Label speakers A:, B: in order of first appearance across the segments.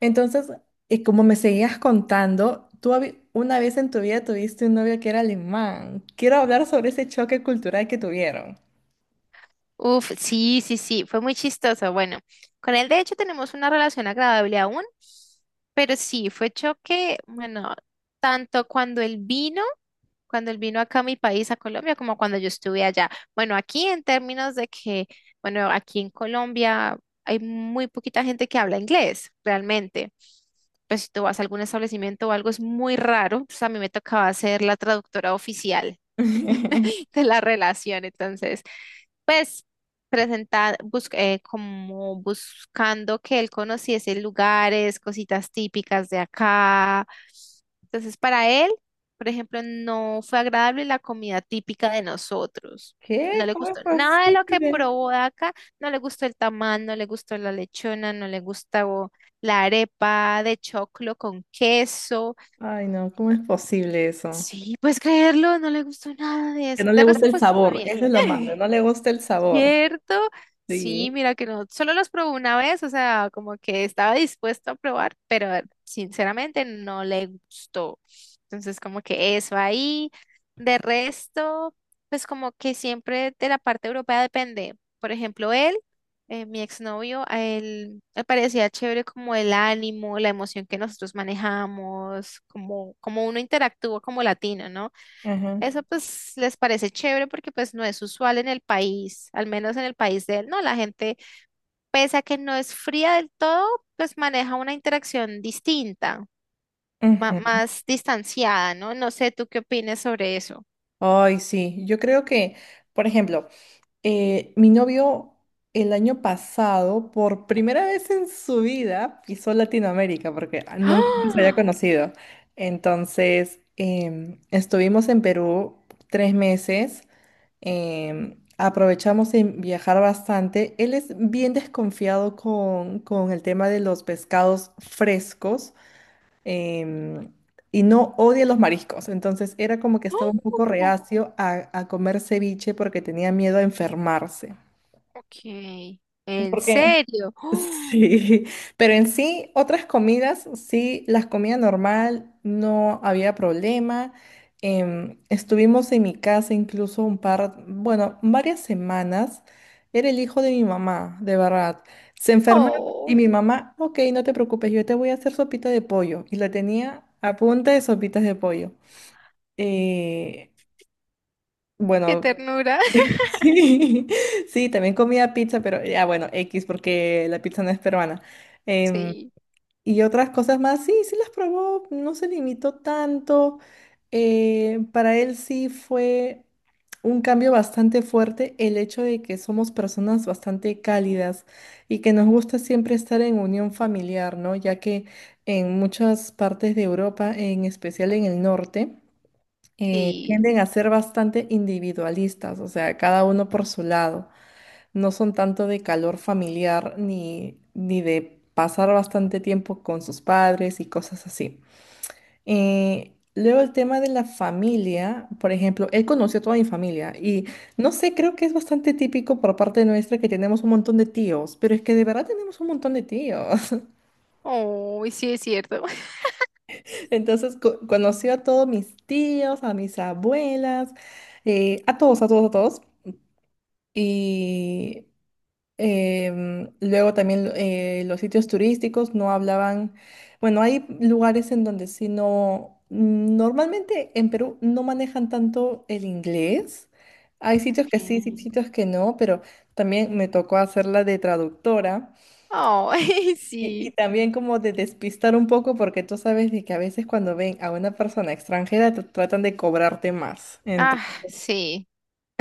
A: Entonces, y como me seguías contando, una vez en tu vida tuviste un novio que era alemán. Quiero hablar sobre ese choque cultural que tuvieron.
B: Uf, sí, sí, sí, fue muy chistoso. Bueno, con él de hecho tenemos una relación agradable aún, pero sí, fue choque, bueno, tanto cuando él vino acá a mi país, a Colombia, como cuando yo estuve allá. Bueno, aquí en términos de que, bueno, aquí en Colombia hay muy poquita gente que habla inglés, realmente. Pues si tú vas a algún establecimiento o algo, es muy raro. Pues a mí me tocaba ser la traductora oficial de la relación, entonces pues presentar, como buscando que él conociese lugares, cositas típicas de acá. Entonces, para él, por ejemplo, no fue agradable la comida típica de nosotros. No
A: ¿Qué?
B: le
A: ¿Cómo es
B: gustó nada de lo que
A: posible?
B: probó de acá, no le gustó el tamal, no le gustó la lechona, no le gustó la arepa de choclo con queso.
A: Ay, no, ¿cómo es posible eso?
B: Sí, puedes creerlo, no le gustó nada de
A: Que
B: eso.
A: no
B: De
A: le gusta
B: resto
A: el
B: pues, fue súper
A: sabor, eso es lo malo,
B: bien.
A: no le gusta el sabor.
B: ¿Cierto? Sí,
A: Sí.
B: mira que no, solo los probé una vez, o sea, como que estaba dispuesto a probar, pero sinceramente no le gustó. Entonces, como que eso ahí. De resto, pues como que siempre de la parte europea depende. Por ejemplo, él, mi exnovio, a él le parecía chévere como el ánimo, la emoción que nosotros manejamos, como uno interactúa como latino, ¿no?
A: Ajá.
B: Eso pues les parece chévere porque pues no es usual en el país, al menos en el país de él, ¿no? La gente, pese a que no es fría del todo, pues maneja una interacción distinta,
A: Ujú.
B: más distanciada, ¿no? No sé, ¿tú qué opinas sobre eso?
A: Ay, sí, yo creo que, por ejemplo, mi novio el año pasado, por primera vez en su vida, pisó Latinoamérica porque nunca se había
B: ¡Ah!
A: conocido. Entonces, estuvimos en Perú 3 meses aprovechamos en viajar bastante. Él es bien desconfiado con el tema de los pescados frescos em, y no odia los mariscos. Entonces era como que estaba un poco
B: ¡Oh!
A: reacio a comer ceviche porque tenía miedo a enfermarse.
B: Ok, ¿en
A: ¿Por qué?
B: serio? ¡Oh!
A: Sí, pero en sí, otras comidas, sí, las comidas normal, no había problema. Estuvimos en mi casa incluso un par, bueno, varias semanas. Era el hijo de mi mamá, de verdad. Se enferma
B: ¡Oh!
A: y mi mamá, ok, no te preocupes, yo te voy a hacer sopita de pollo. Y la tenía a punta de sopitas de pollo. Eh,
B: ¡Qué
A: bueno,
B: ternura!
A: sí, sí, también comía pizza, pero ya bueno, X, porque la pizza no es peruana. Em,
B: Sí,
A: y otras cosas más, sí, sí las probó, no se limitó tanto. Para él sí fue un cambio bastante fuerte el hecho de que somos personas bastante cálidas y que nos gusta siempre estar en unión familiar, ¿no? Ya que en muchas partes de Europa, en especial en el norte,
B: sí.
A: tienden a ser bastante individualistas, o sea, cada uno por su lado no son tanto de calor familiar ni de pasar bastante tiempo con sus padres y cosas así. Luego el tema de la familia, por ejemplo, él conoció a toda mi familia y no sé, creo que es bastante típico por parte nuestra que tenemos un montón de tíos, pero es que de verdad tenemos un montón de tíos.
B: ¡Oh! Sí, es cierto.
A: Entonces conoció a todos mis tíos, a mis abuelas, a todos, a todos, a todos. Y em, luego también los sitios turísticos no hablaban, bueno, hay lugares en donde sí no, normalmente en Perú no manejan tanto el inglés. Hay sitios que sí, sí,
B: Ok.
A: sitios que no, pero también me tocó hacerla de traductora
B: ¡Oh!
A: y
B: Sí.
A: también como de despistar un poco porque tú sabes de que a veces cuando ven a una persona extranjera tratan de cobrarte más.
B: Ah, sí.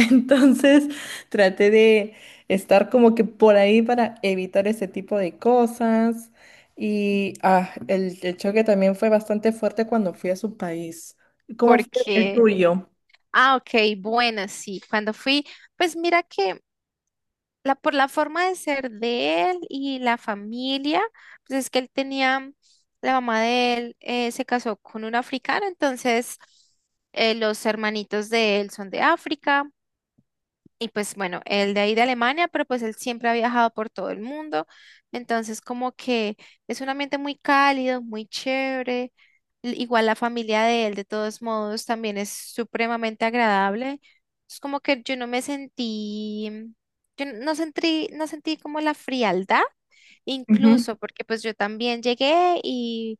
A: Entonces traté de estar como que por ahí para evitar ese tipo de cosas. Y el choque también fue bastante fuerte cuando fui a su país. ¿Cómo
B: ¿Por
A: fue el
B: qué?
A: tuyo?
B: Ah, ok, buena, sí. Cuando fui, pues mira que la, por la forma de ser de él y la familia, pues es que él tenía, la mamá de él se casó con un africano, entonces los hermanitos de él son de África y pues bueno, él de ahí de Alemania, pero pues él siempre ha viajado por todo el mundo. Entonces como que es un ambiente muy cálido, muy chévere. Igual la familia de él, de todos modos, también es supremamente agradable. Es como que yo no sentí como la frialdad,
A: Ujú,
B: incluso porque pues yo también llegué y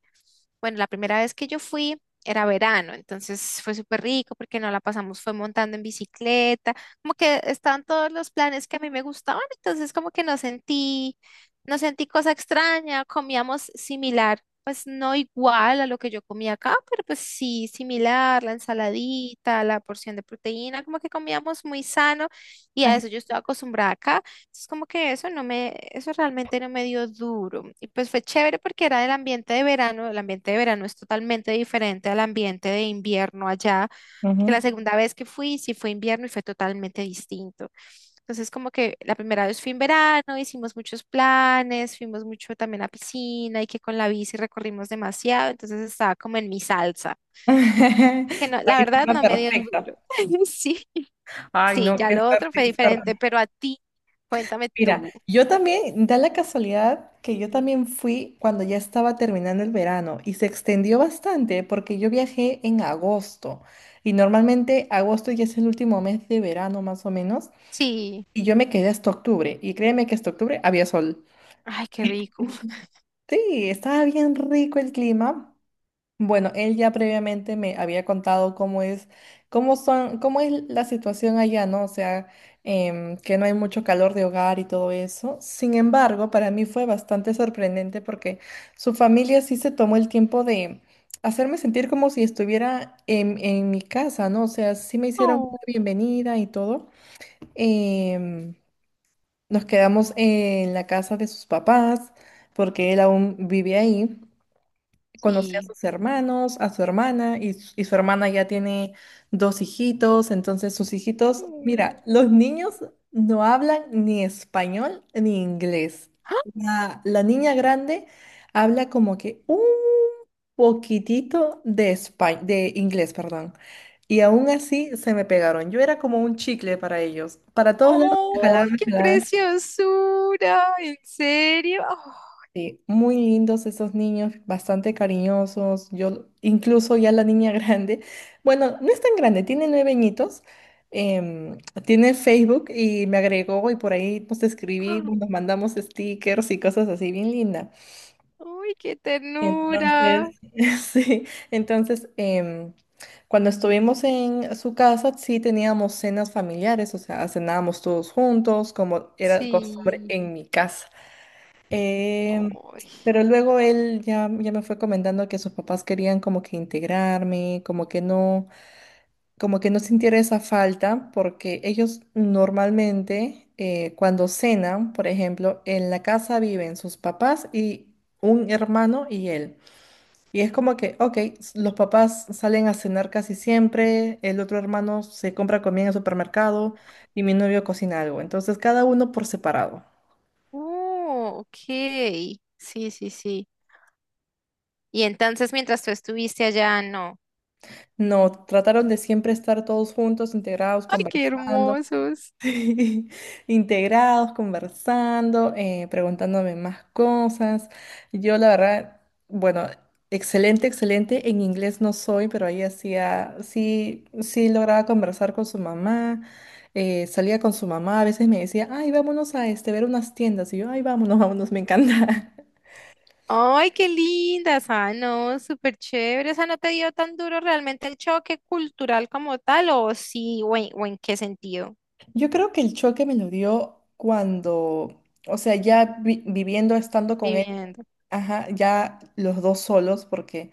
B: bueno, la primera vez que yo fui era verano, entonces fue súper rico porque no la pasamos, fue montando en bicicleta como que estaban todos los planes que a mí me gustaban, entonces como que no sentí, no sentí cosa extraña, comíamos similar, pues no igual a lo que yo comía acá, pero pues sí, similar, la ensaladita, la porción de proteína, como que comíamos muy sano y a
A: ajá,
B: eso yo estoy acostumbrada acá, entonces como que eso no me, eso realmente no me dio duro y pues fue chévere porque era del ambiente de verano, el ambiente de verano es totalmente diferente al ambiente de invierno allá. Que
A: ujú.
B: la segunda vez que fui, sí fue invierno y fue totalmente distinto. Entonces, como que la primera vez fui en verano, hicimos muchos planes, fuimos mucho también a piscina y que con la bici recorrimos demasiado, entonces estaba como en mi salsa, que no,
A: La
B: la verdad
A: víctima
B: no me dio
A: perfecta.
B: duro. Sí,
A: Ay,
B: sí,
A: no,
B: ya
A: qué
B: lo
A: suerte,
B: otro fue
A: qué
B: diferente,
A: suerte.
B: pero a ti, cuéntame
A: Mira,
B: tú.
A: yo también, da la casualidad que yo también fui cuando ya estaba terminando el verano y se extendió bastante porque yo viajé en agosto y normalmente agosto ya es el último mes de verano más o menos
B: Sí,
A: y yo me quedé hasta octubre y créeme que hasta octubre había sol.
B: ay, qué rico.
A: Sí, estaba bien rico el clima. Bueno, él ya previamente me había contado cómo es, cómo son, cómo es la situación allá, ¿no? O sea, que no hay mucho calor de hogar y todo eso. Sin embargo, para mí fue bastante sorprendente porque su familia sí se tomó el tiempo de hacerme sentir como si estuviera en mi casa, ¿no? O sea, sí me hicieron
B: Oh,
A: una bienvenida y todo. Em, Nos quedamos en la casa de sus papás porque él aún vive ahí conocí a
B: sí.
A: sus hermanos, a su hermana, y su hermana ya tiene dos hijitos, entonces sus hijitos,
B: Mm.
A: mira, los niños no hablan ni español ni inglés.
B: ¡Ah!
A: La niña grande habla como que un poquitito de de inglés, perdón. Y aún así se me pegaron. Yo era como un chicle para ellos. Para todos lados
B: ¡Oh, qué
A: me jalaban,
B: preciosura! ¿En serio?
A: sí, muy lindos esos niños, bastante cariñosos. Yo, incluso ya la niña grande, bueno, no es tan grande, tiene 9 añitos, em, tiene Facebook y me agregó y por ahí nos
B: Oh.
A: escribimos, nos mandamos stickers y cosas así, bien linda.
B: Uy, qué ternura.
A: Entonces, sí, entonces, cuando estuvimos en su casa, sí teníamos cenas familiares, o sea, cenábamos todos juntos, como era costumbre
B: Sí.
A: en mi casa. Em,
B: Ay.
A: pero luego ya me fue comentando que sus papás querían como que integrarme, como que no sintiera esa falta, porque ellos normalmente cuando cenan, por ejemplo, en la casa viven sus papás y un hermano y él. Y es como que, ok, los papás salen a cenar casi siempre, el otro hermano se compra comida en el supermercado y mi novio cocina algo. Entonces cada uno por separado.
B: Oh, ok. Sí, sí, sí. Y entonces mientras tú estuviste allá, no.
A: No, trataron de siempre estar todos juntos, integrados,
B: Ay, qué
A: conversando,
B: hermosos.
A: integrados, conversando, preguntándome más cosas. Yo la verdad, bueno, excelente, excelente. En inglés no soy, pero ahí hacía, sí, sí lograba conversar con su mamá, salía con su mamá, a veces me decía, ay, vámonos a este, ver unas tiendas. Y yo, ay, vámonos, vámonos, me encanta.
B: Ay, qué lindas. Ah, no, súper chévere. O sea, ¿no te dio tan duro realmente el choque cultural como tal? ¿O sí? ¿O en qué sentido?
A: Yo creo que el choque me lo dio cuando, o sea, ya viviendo, estando con él.
B: Viviendo.
A: Ajá, ya los dos solos, porque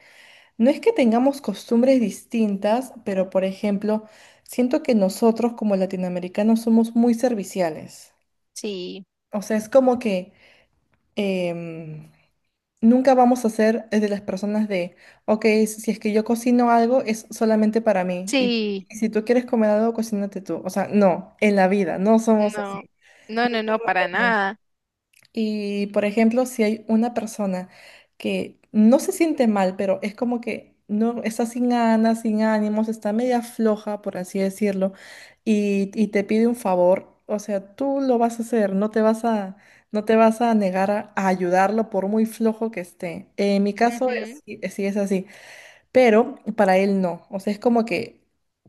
A: no es que tengamos costumbres distintas, pero por ejemplo, siento que nosotros como latinoamericanos somos muy serviciales.
B: Sí,
A: O sea, es como que em, nunca vamos a ser de las personas de, ok, si es que yo cocino algo, es solamente para mí.
B: sí.
A: Y si tú quieres comer algo, cocínate tú. O sea, no, en la vida, no somos así.
B: No, no, no, no, para nada.
A: Y, por ejemplo, si hay una persona que no se siente mal, pero es como que no está sin ganas, sin ánimos, está media floja, por así decirlo, y te pide un favor, o sea, tú lo vas a hacer, no te vas a, no te vas a negar a ayudarlo por muy flojo que esté. En mi caso,
B: Ujú.
A: sí es así, pero para él no, o sea, es como que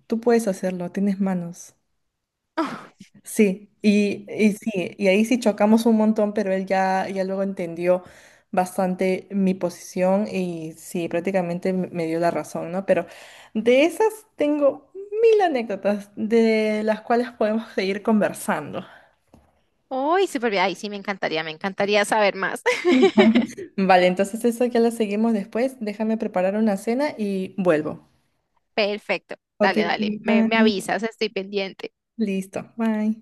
A: tú puedes hacerlo, tienes manos. Sí, y sí, y ahí sí chocamos un montón, pero ya luego entendió bastante mi posición y sí, prácticamente me dio la razón, ¿no? Pero de esas tengo mil anécdotas de las cuales podemos seguir conversando.
B: Uy, súper bien. Ay, sí, me encantaría saber más.
A: Vale, entonces eso ya lo seguimos después. Déjame preparar una cena y vuelvo.
B: Perfecto.
A: Ok,
B: Dale,
A: ok,
B: dale. Me
A: bye.
B: avisas, estoy pendiente.
A: Listo, bye.